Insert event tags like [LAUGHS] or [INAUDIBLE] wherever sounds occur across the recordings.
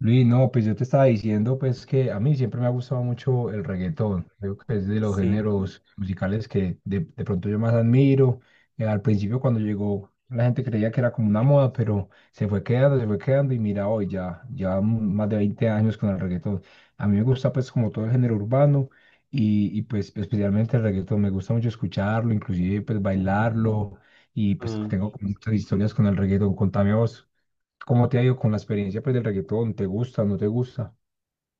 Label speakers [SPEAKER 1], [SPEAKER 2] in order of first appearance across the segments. [SPEAKER 1] Luis, no, pues yo te estaba diciendo pues que a mí siempre me ha gustado mucho el reggaetón. Creo que es de los
[SPEAKER 2] Sí.
[SPEAKER 1] géneros musicales que de pronto yo más admiro. Al principio cuando llegó la gente creía que era como una moda, pero se fue quedando y mira hoy ya más de 20 años con el reggaetón. A mí me gusta pues como todo el género urbano y pues especialmente el reggaetón. Me gusta mucho escucharlo, inclusive pues bailarlo y pues
[SPEAKER 2] Mm,
[SPEAKER 1] tengo como muchas historias con el reggaetón. Contame vos. ¿Cómo te ha ido con la experiencia pues del reggaetón? ¿Te gusta, no te gusta?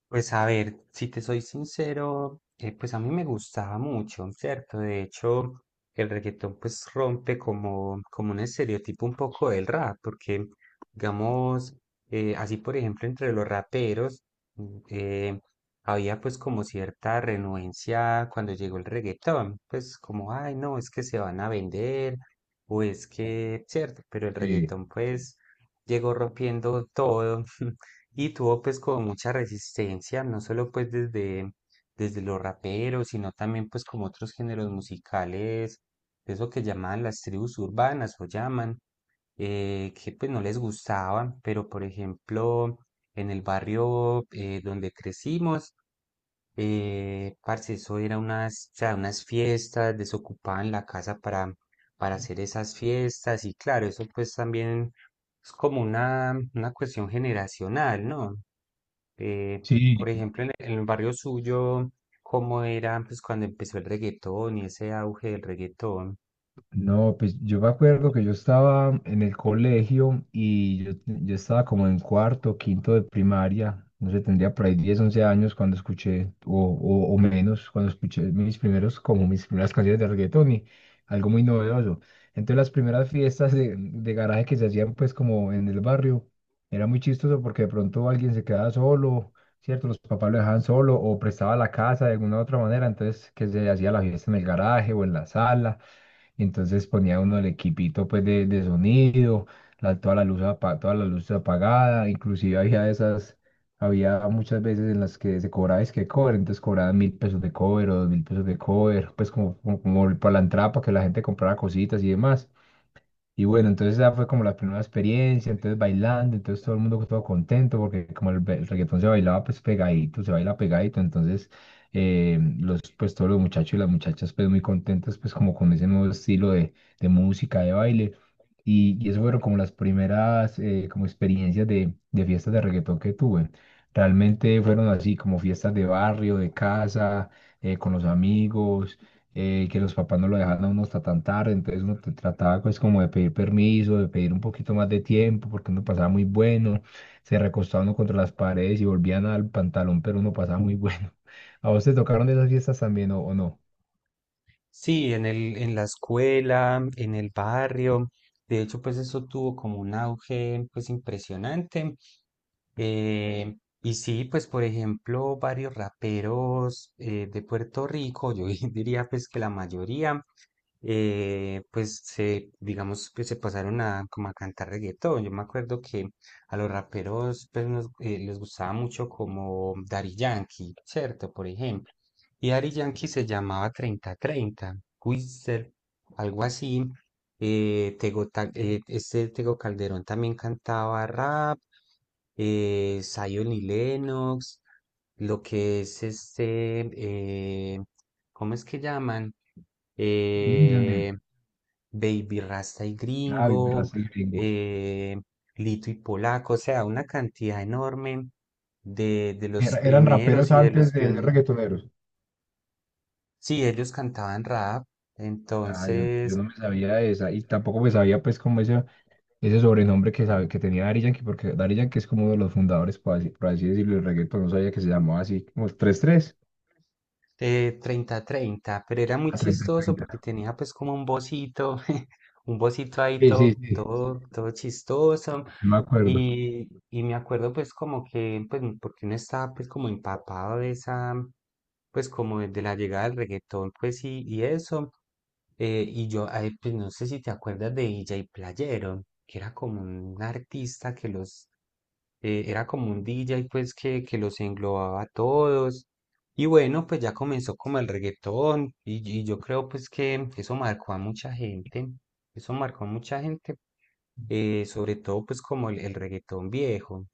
[SPEAKER 2] Pues a ver, si te soy sincero, pues a mí me gustaba mucho, ¿cierto? De hecho, el reggaetón pues rompe como un estereotipo un poco del rap, porque digamos, así por ejemplo entre los raperos mm, eh, había pues como cierta renuencia cuando llegó el reggaetón, pues como, ay no, es que se van a vender o es que, ¿cierto? Pero el
[SPEAKER 1] Sí,
[SPEAKER 2] reggaetón pues llegó rompiendo todo. [LAUGHS] Y tuvo pues como mucha resistencia, no solo desde los raperos, sino también pues como otros géneros musicales, eso que llamaban las tribus urbanas o llaman, que pues no les gustaban, pero por ejemplo en el barrio donde crecimos, parce, eso era unas, o sea, unas fiestas, desocupaban la casa para hacer esas fiestas y claro, eso pues también es como una cuestión generacional, ¿no? Eh,
[SPEAKER 1] Sí.
[SPEAKER 2] por ejemplo, en el barrio suyo, ¿cómo era pues cuando empezó el reggaetón y ese auge del reggaetón?
[SPEAKER 1] No, pues yo me acuerdo que yo estaba en el colegio y yo estaba como en cuarto, quinto de primaria, no sé, tendría por ahí 10 11 años cuando escuché, o menos, cuando escuché mis primeros, como mis primeras canciones de reggaetón y algo muy novedoso. Entonces las primeras fiestas de garaje que se hacían pues como en el barrio, era muy chistoso porque de pronto alguien se quedaba solo, ¿cierto? Los papás lo dejaban solo o prestaba la casa de alguna u otra manera, entonces que se hacía la fiesta en el garaje o en la sala, entonces ponía uno el equipito pues de sonido, la, toda la luz apa- toda la luz apagada, inclusive había muchas veces en las que se cobraba es que cover, entonces cobraban 1.000 pesos de cover o 2.000 pesos de cover, pues como para la entrada para que la gente comprara cositas y demás. Y bueno, entonces esa fue como la primera experiencia, entonces bailando, entonces todo el mundo todo contento, porque como el el reggaetón se bailaba pues pegadito, se baila pegadito, entonces pues todos los muchachos y las muchachas pues muy contentos pues como con ese nuevo estilo de música, de baile, y eso fueron como las primeras como experiencias de fiestas de reggaetón que tuve. Realmente fueron así como fiestas de barrio, de casa, con los amigos, que los papás no lo dejaban a uno hasta tan tarde, entonces uno te trataba pues como de pedir permiso, de pedir un poquito más de tiempo, porque uno pasaba muy bueno, se recostaba uno contra las paredes y volvían al pantalón, pero uno pasaba muy bueno. [LAUGHS] ¿A vos te tocaron de esas fiestas también o no?
[SPEAKER 2] Sí, en la escuela, en el barrio. De hecho, pues eso tuvo como un auge pues impresionante. Eh, y sí, pues por ejemplo, varios raperos de Puerto Rico, yo [LAUGHS] diría pues que la mayoría pues digamos, que se pasaron a como a cantar reggaetón. Yo me acuerdo que a los raperos pues, les gustaba mucho como Daddy Yankee, ¿cierto? Por ejemplo. Y Daddy Yankee se llamaba treinta treinta Wizard, algo así. Tego, Ta- este Tego Calderón también cantaba rap, Zion y Lennox, lo que es este, eh, ¿cómo es que llaman?
[SPEAKER 1] Billy Yandel.
[SPEAKER 2] Eh, Baby Rasta y
[SPEAKER 1] Ah, mi
[SPEAKER 2] Gringo,
[SPEAKER 1] raza y gringo.
[SPEAKER 2] eh, Lito y Polaco, o sea, una cantidad enorme de los
[SPEAKER 1] Era- eran raperos
[SPEAKER 2] primeros y de los
[SPEAKER 1] antes de ser
[SPEAKER 2] pioneros.
[SPEAKER 1] reggaetoneros.
[SPEAKER 2] Sí, ellos cantaban rap,
[SPEAKER 1] Ah, yo
[SPEAKER 2] entonces
[SPEAKER 1] no me sabía de esa y tampoco me sabía pues como ese ese sobrenombre que, sabe, que tenía Daddy Yankee, porque Daddy Yankee es como uno de los fundadores, por así decirlo, del reggaetón. No sabía que se llamaba así, como tres 3
[SPEAKER 2] de treinta treinta, pero era muy
[SPEAKER 1] a
[SPEAKER 2] chistoso
[SPEAKER 1] 30-30.
[SPEAKER 2] porque tenía pues como un bocito, [LAUGHS] un bocito ahí
[SPEAKER 1] Sí, sí,
[SPEAKER 2] todo,
[SPEAKER 1] sí,
[SPEAKER 2] todo, todo chistoso.
[SPEAKER 1] yo me acuerdo.
[SPEAKER 2] Y me acuerdo pues como que, pues porque uno estaba pues como empapado de esa, pues como de la llegada del reggaetón pues y eso. Y yo, ay, pues no sé si te acuerdas de DJ Playero, que era como un artista que los, era como un DJ pues que los englobaba a todos y bueno, pues ya comenzó como el reggaetón y yo creo pues que eso marcó a mucha gente, eso marcó a mucha gente, sobre todo pues como el reggaetón viejo.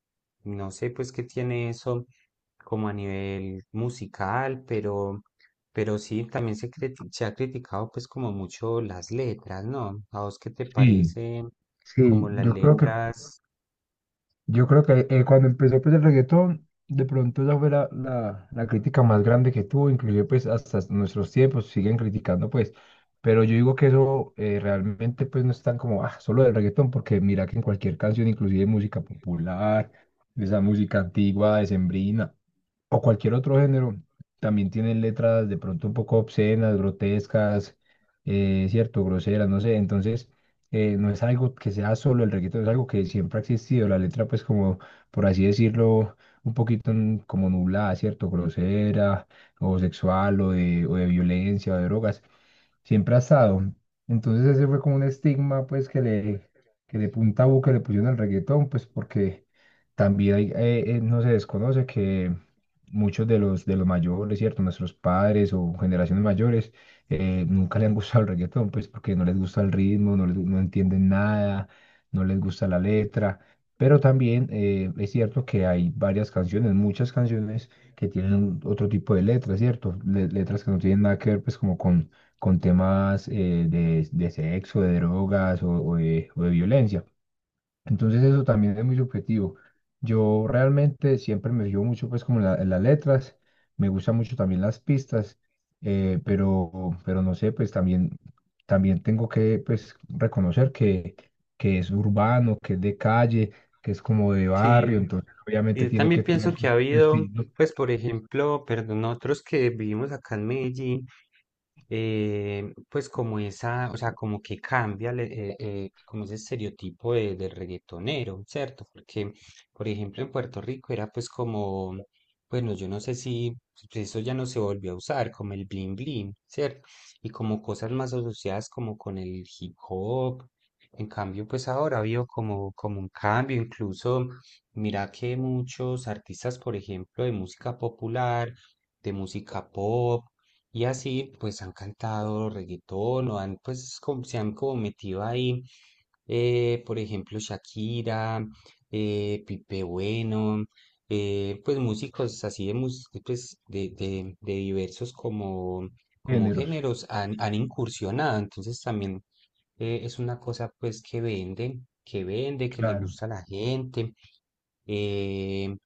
[SPEAKER 2] No sé pues qué tiene eso como a nivel musical, pero sí, también se ha criticado pues como mucho las letras, ¿no? ¿A vos qué te
[SPEAKER 1] Sí,
[SPEAKER 2] parece
[SPEAKER 1] sí,
[SPEAKER 2] como las
[SPEAKER 1] yo creo que
[SPEAKER 2] letras?
[SPEAKER 1] Yo creo que cuando empezó pues el reggaetón, de pronto esa fue la la crítica más grande que tuvo, inclusive pues hasta nuestros tiempos siguen criticando pues, pero yo digo que eso realmente pues no es tan como, ah, solo del reggaetón, porque mira que en cualquier canción, inclusive música popular, de esa música antigua, decembrina, o cualquier otro género, también tienen letras de pronto un poco obscenas, grotescas, cierto, groseras, no sé. Entonces, no es algo que sea solo el reggaetón, es algo que siempre ha existido. La letra, pues, como por así decirlo, un poquito como nublada, cierto, grosera, o sexual, o de violencia, o de drogas, siempre ha estado. Entonces, ese fue como un estigma, pues, que le, que de punta a boca le pusieron al reggaetón, pues, porque también hay, no se desconoce que muchos de los mayores, ¿cierto? Nuestros padres o generaciones mayores nunca le han gustado el reggaetón, pues porque no les gusta el ritmo, no, no entienden nada, no les gusta la letra. Pero también es cierto que hay varias canciones, muchas canciones que tienen otro tipo de letras, ¿cierto? Letras que no tienen nada que ver, pues, como con temas de sexo, de drogas, o de violencia. Entonces eso también es muy subjetivo. Yo realmente siempre me fijo mucho pues como en las letras, me gustan mucho también las pistas, pero no sé, pues también, tengo que pues reconocer que es urbano, que es de calle, que es como de
[SPEAKER 2] Sí,
[SPEAKER 1] barrio, entonces obviamente
[SPEAKER 2] y
[SPEAKER 1] tiene
[SPEAKER 2] también
[SPEAKER 1] que
[SPEAKER 2] pienso
[SPEAKER 1] tener
[SPEAKER 2] que
[SPEAKER 1] su
[SPEAKER 2] ha
[SPEAKER 1] su
[SPEAKER 2] habido,
[SPEAKER 1] estilo,
[SPEAKER 2] pues por ejemplo, perdón, nosotros que vivimos acá en Medellín, pues como esa, o sea, como que como ese estereotipo de, del reggaetonero, ¿cierto? Porque, por ejemplo, en Puerto Rico era pues como, bueno, yo no sé si pues, eso ya no se volvió a usar, como el bling bling, ¿cierto? Y como cosas más asociadas como con el hip hop. En cambio, pues ahora ha habido como, como un cambio, incluso mira que muchos artistas, por ejemplo, de música popular, de música pop y así, pues han cantado reggaetón o han, pues, se han como metido ahí, por ejemplo, Shakira, Pipe Bueno, pues músicos así pues, de diversos como, como
[SPEAKER 1] géneros.
[SPEAKER 2] géneros han incursionado. Entonces también es una cosa pues que vende, que vende, que le
[SPEAKER 1] Claro,
[SPEAKER 2] gusta a la gente. Eh,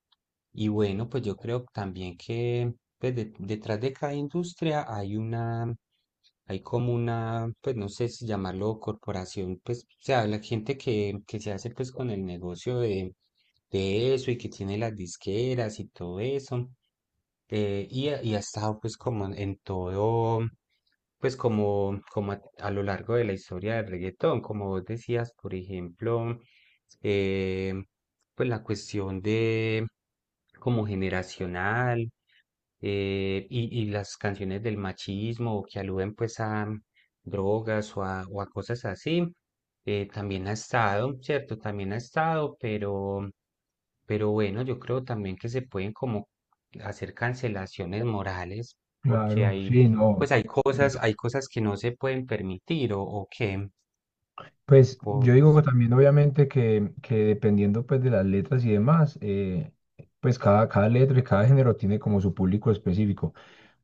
[SPEAKER 2] y bueno, pues yo creo también que pues, detrás de cada industria hay una, hay como una, pues no sé si llamarlo corporación, pues, o sea, la gente que se hace pues con el negocio de eso y que tiene las disqueras y todo eso. Eh, ha estado pues como en todo, pues como, como a lo largo de la historia del reggaetón, como vos decías, por ejemplo, eh, pues la cuestión de como generacional y las canciones del machismo que aluden pues a drogas o a cosas así. También ha estado, ¿cierto? También ha estado, pero bueno, yo creo también que se pueden como hacer cancelaciones morales, porque
[SPEAKER 1] claro,
[SPEAKER 2] hay,
[SPEAKER 1] sí, no.
[SPEAKER 2] pues hay cosas que no se pueden permitir o que,
[SPEAKER 1] Pues
[SPEAKER 2] o
[SPEAKER 1] yo
[SPEAKER 2] no
[SPEAKER 1] digo
[SPEAKER 2] sé.
[SPEAKER 1] que también obviamente que dependiendo pues de las letras y demás, pues cada letra y cada género tiene como su público específico,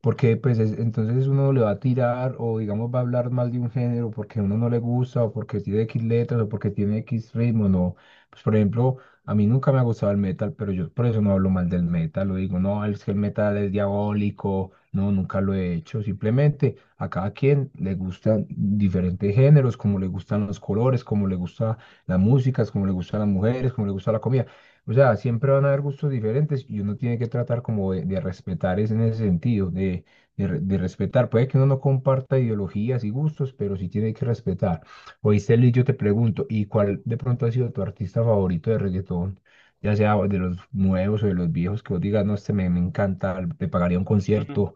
[SPEAKER 1] porque pues es, entonces uno le va a tirar, o digamos va a hablar mal de un género, porque a uno no le gusta o porque tiene X letras o porque tiene X ritmo, no. Pues por ejemplo, a mí nunca me ha gustado el metal, pero yo por eso no hablo mal del metal. Lo digo, no, es que el metal es diabólico. No, nunca lo he hecho. Simplemente a cada quien le gustan diferentes géneros, como le gustan los colores, como le gusta las músicas, como le gustan las mujeres, como le gusta la comida. O sea, siempre van a haber gustos diferentes y uno tiene que tratar como de respetar es en ese sentido, de respetar. Puede que uno no comparta ideologías y gustos, pero sí tiene que respetar. Oye, Celi, yo te pregunto, ¿y cuál de pronto ha sido tu artista favorito de reggaetón? Ya sea de los nuevos o de los viejos, que vos digas, no, este me encanta, te pagaría un
[SPEAKER 2] Mm,
[SPEAKER 1] concierto.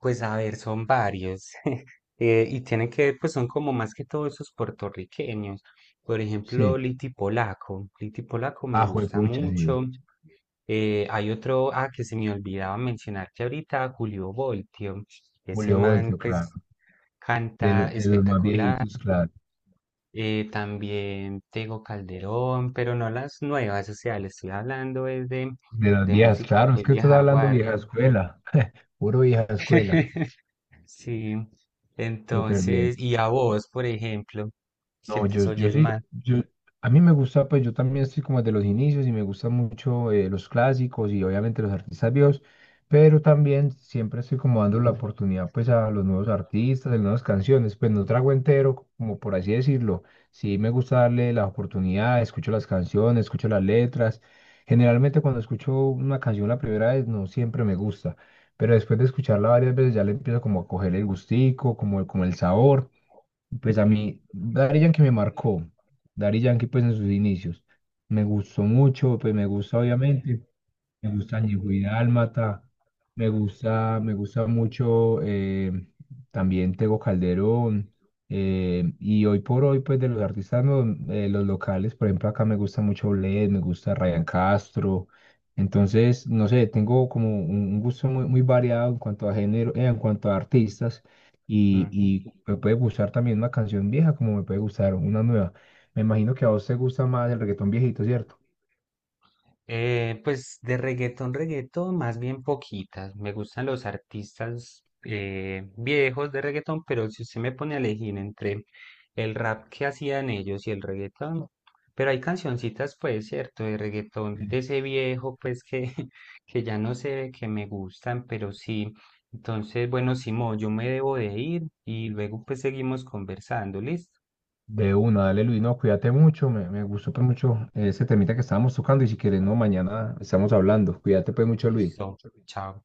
[SPEAKER 2] pues a ver, son varios. [LAUGHS] Y tienen que ver, pues son como más que todos esos puertorriqueños. Por ejemplo,
[SPEAKER 1] Sí.
[SPEAKER 2] Liti Polaco. Liti Polaco me
[SPEAKER 1] Ah,
[SPEAKER 2] gusta
[SPEAKER 1] juepucha, sí.
[SPEAKER 2] mucho. Hay otro, ah, que se me olvidaba mencionar que ahorita Julio Voltio, ese
[SPEAKER 1] Julio
[SPEAKER 2] man
[SPEAKER 1] Voltio,
[SPEAKER 2] pues
[SPEAKER 1] claro. De, lo-
[SPEAKER 2] canta
[SPEAKER 1] de los más
[SPEAKER 2] espectacular,
[SPEAKER 1] viejitos, claro.
[SPEAKER 2] también Tego Calderón, pero no las nuevas, o sea, le estoy hablando es
[SPEAKER 1] De las
[SPEAKER 2] de
[SPEAKER 1] viejas,
[SPEAKER 2] música
[SPEAKER 1] claro, es
[SPEAKER 2] pues
[SPEAKER 1] que estás
[SPEAKER 2] vieja
[SPEAKER 1] hablando vieja
[SPEAKER 2] guardia.
[SPEAKER 1] escuela. Puro vieja escuela.
[SPEAKER 2] [LAUGHS] Sí,
[SPEAKER 1] Súper
[SPEAKER 2] entonces,
[SPEAKER 1] bien.
[SPEAKER 2] y a vos, por ejemplo, que
[SPEAKER 1] No,
[SPEAKER 2] te
[SPEAKER 1] yo
[SPEAKER 2] oyes
[SPEAKER 1] sí,
[SPEAKER 2] mal.
[SPEAKER 1] yo, a mí me gusta, pues yo también estoy como de los inicios y me gustan mucho los clásicos y obviamente los artistas viejos, pero también siempre estoy como dando la oportunidad pues a los nuevos artistas, a las nuevas canciones, pues no trago entero, como por así decirlo. Sí me gusta darle la oportunidad, escucho las canciones, escucho las letras. Generalmente cuando escucho una canción la primera vez no siempre me gusta, pero después de escucharla varias veces ya le empiezo como a coger el gustico, como, como el sabor. Pues a mí, Daddy Yankee me marcó. Daddy Yankee, pues en sus inicios. Me gustó mucho, pues me gusta obviamente. Me gusta Ñigüi Dálmata, me gusta mucho también Tego Calderón. Y hoy por hoy, pues de los artistas los locales, por ejemplo, acá me gusta mucho Bled, me gusta Ryan Castro. Entonces, no sé, tengo como un gusto muy, muy variado en cuanto a género, en cuanto a artistas. Y me puede gustar también una canción vieja, como me puede gustar una nueva. Me imagino que a vos te gusta más el reggaetón viejito, ¿cierto?
[SPEAKER 2] Pues de reggaetón, reggaetón, más bien poquitas. Me gustan los artistas viejos de reggaetón, pero si usted me pone a elegir entre el rap que hacían ellos y el reggaetón, pero hay cancioncitas, pues, cierto, de reggaetón de ese viejo, pues, que, [LAUGHS] que ya no sé, que me gustan, pero sí. Entonces, bueno, Simón, yo me debo de ir y luego pues seguimos conversando, ¿listo?
[SPEAKER 1] De una, dale Luis, no, cuídate mucho, me gustó pues mucho ese temita que estábamos tocando y si quieres, no, mañana estamos hablando, cuídate pues mucho Luis.
[SPEAKER 2] Chao.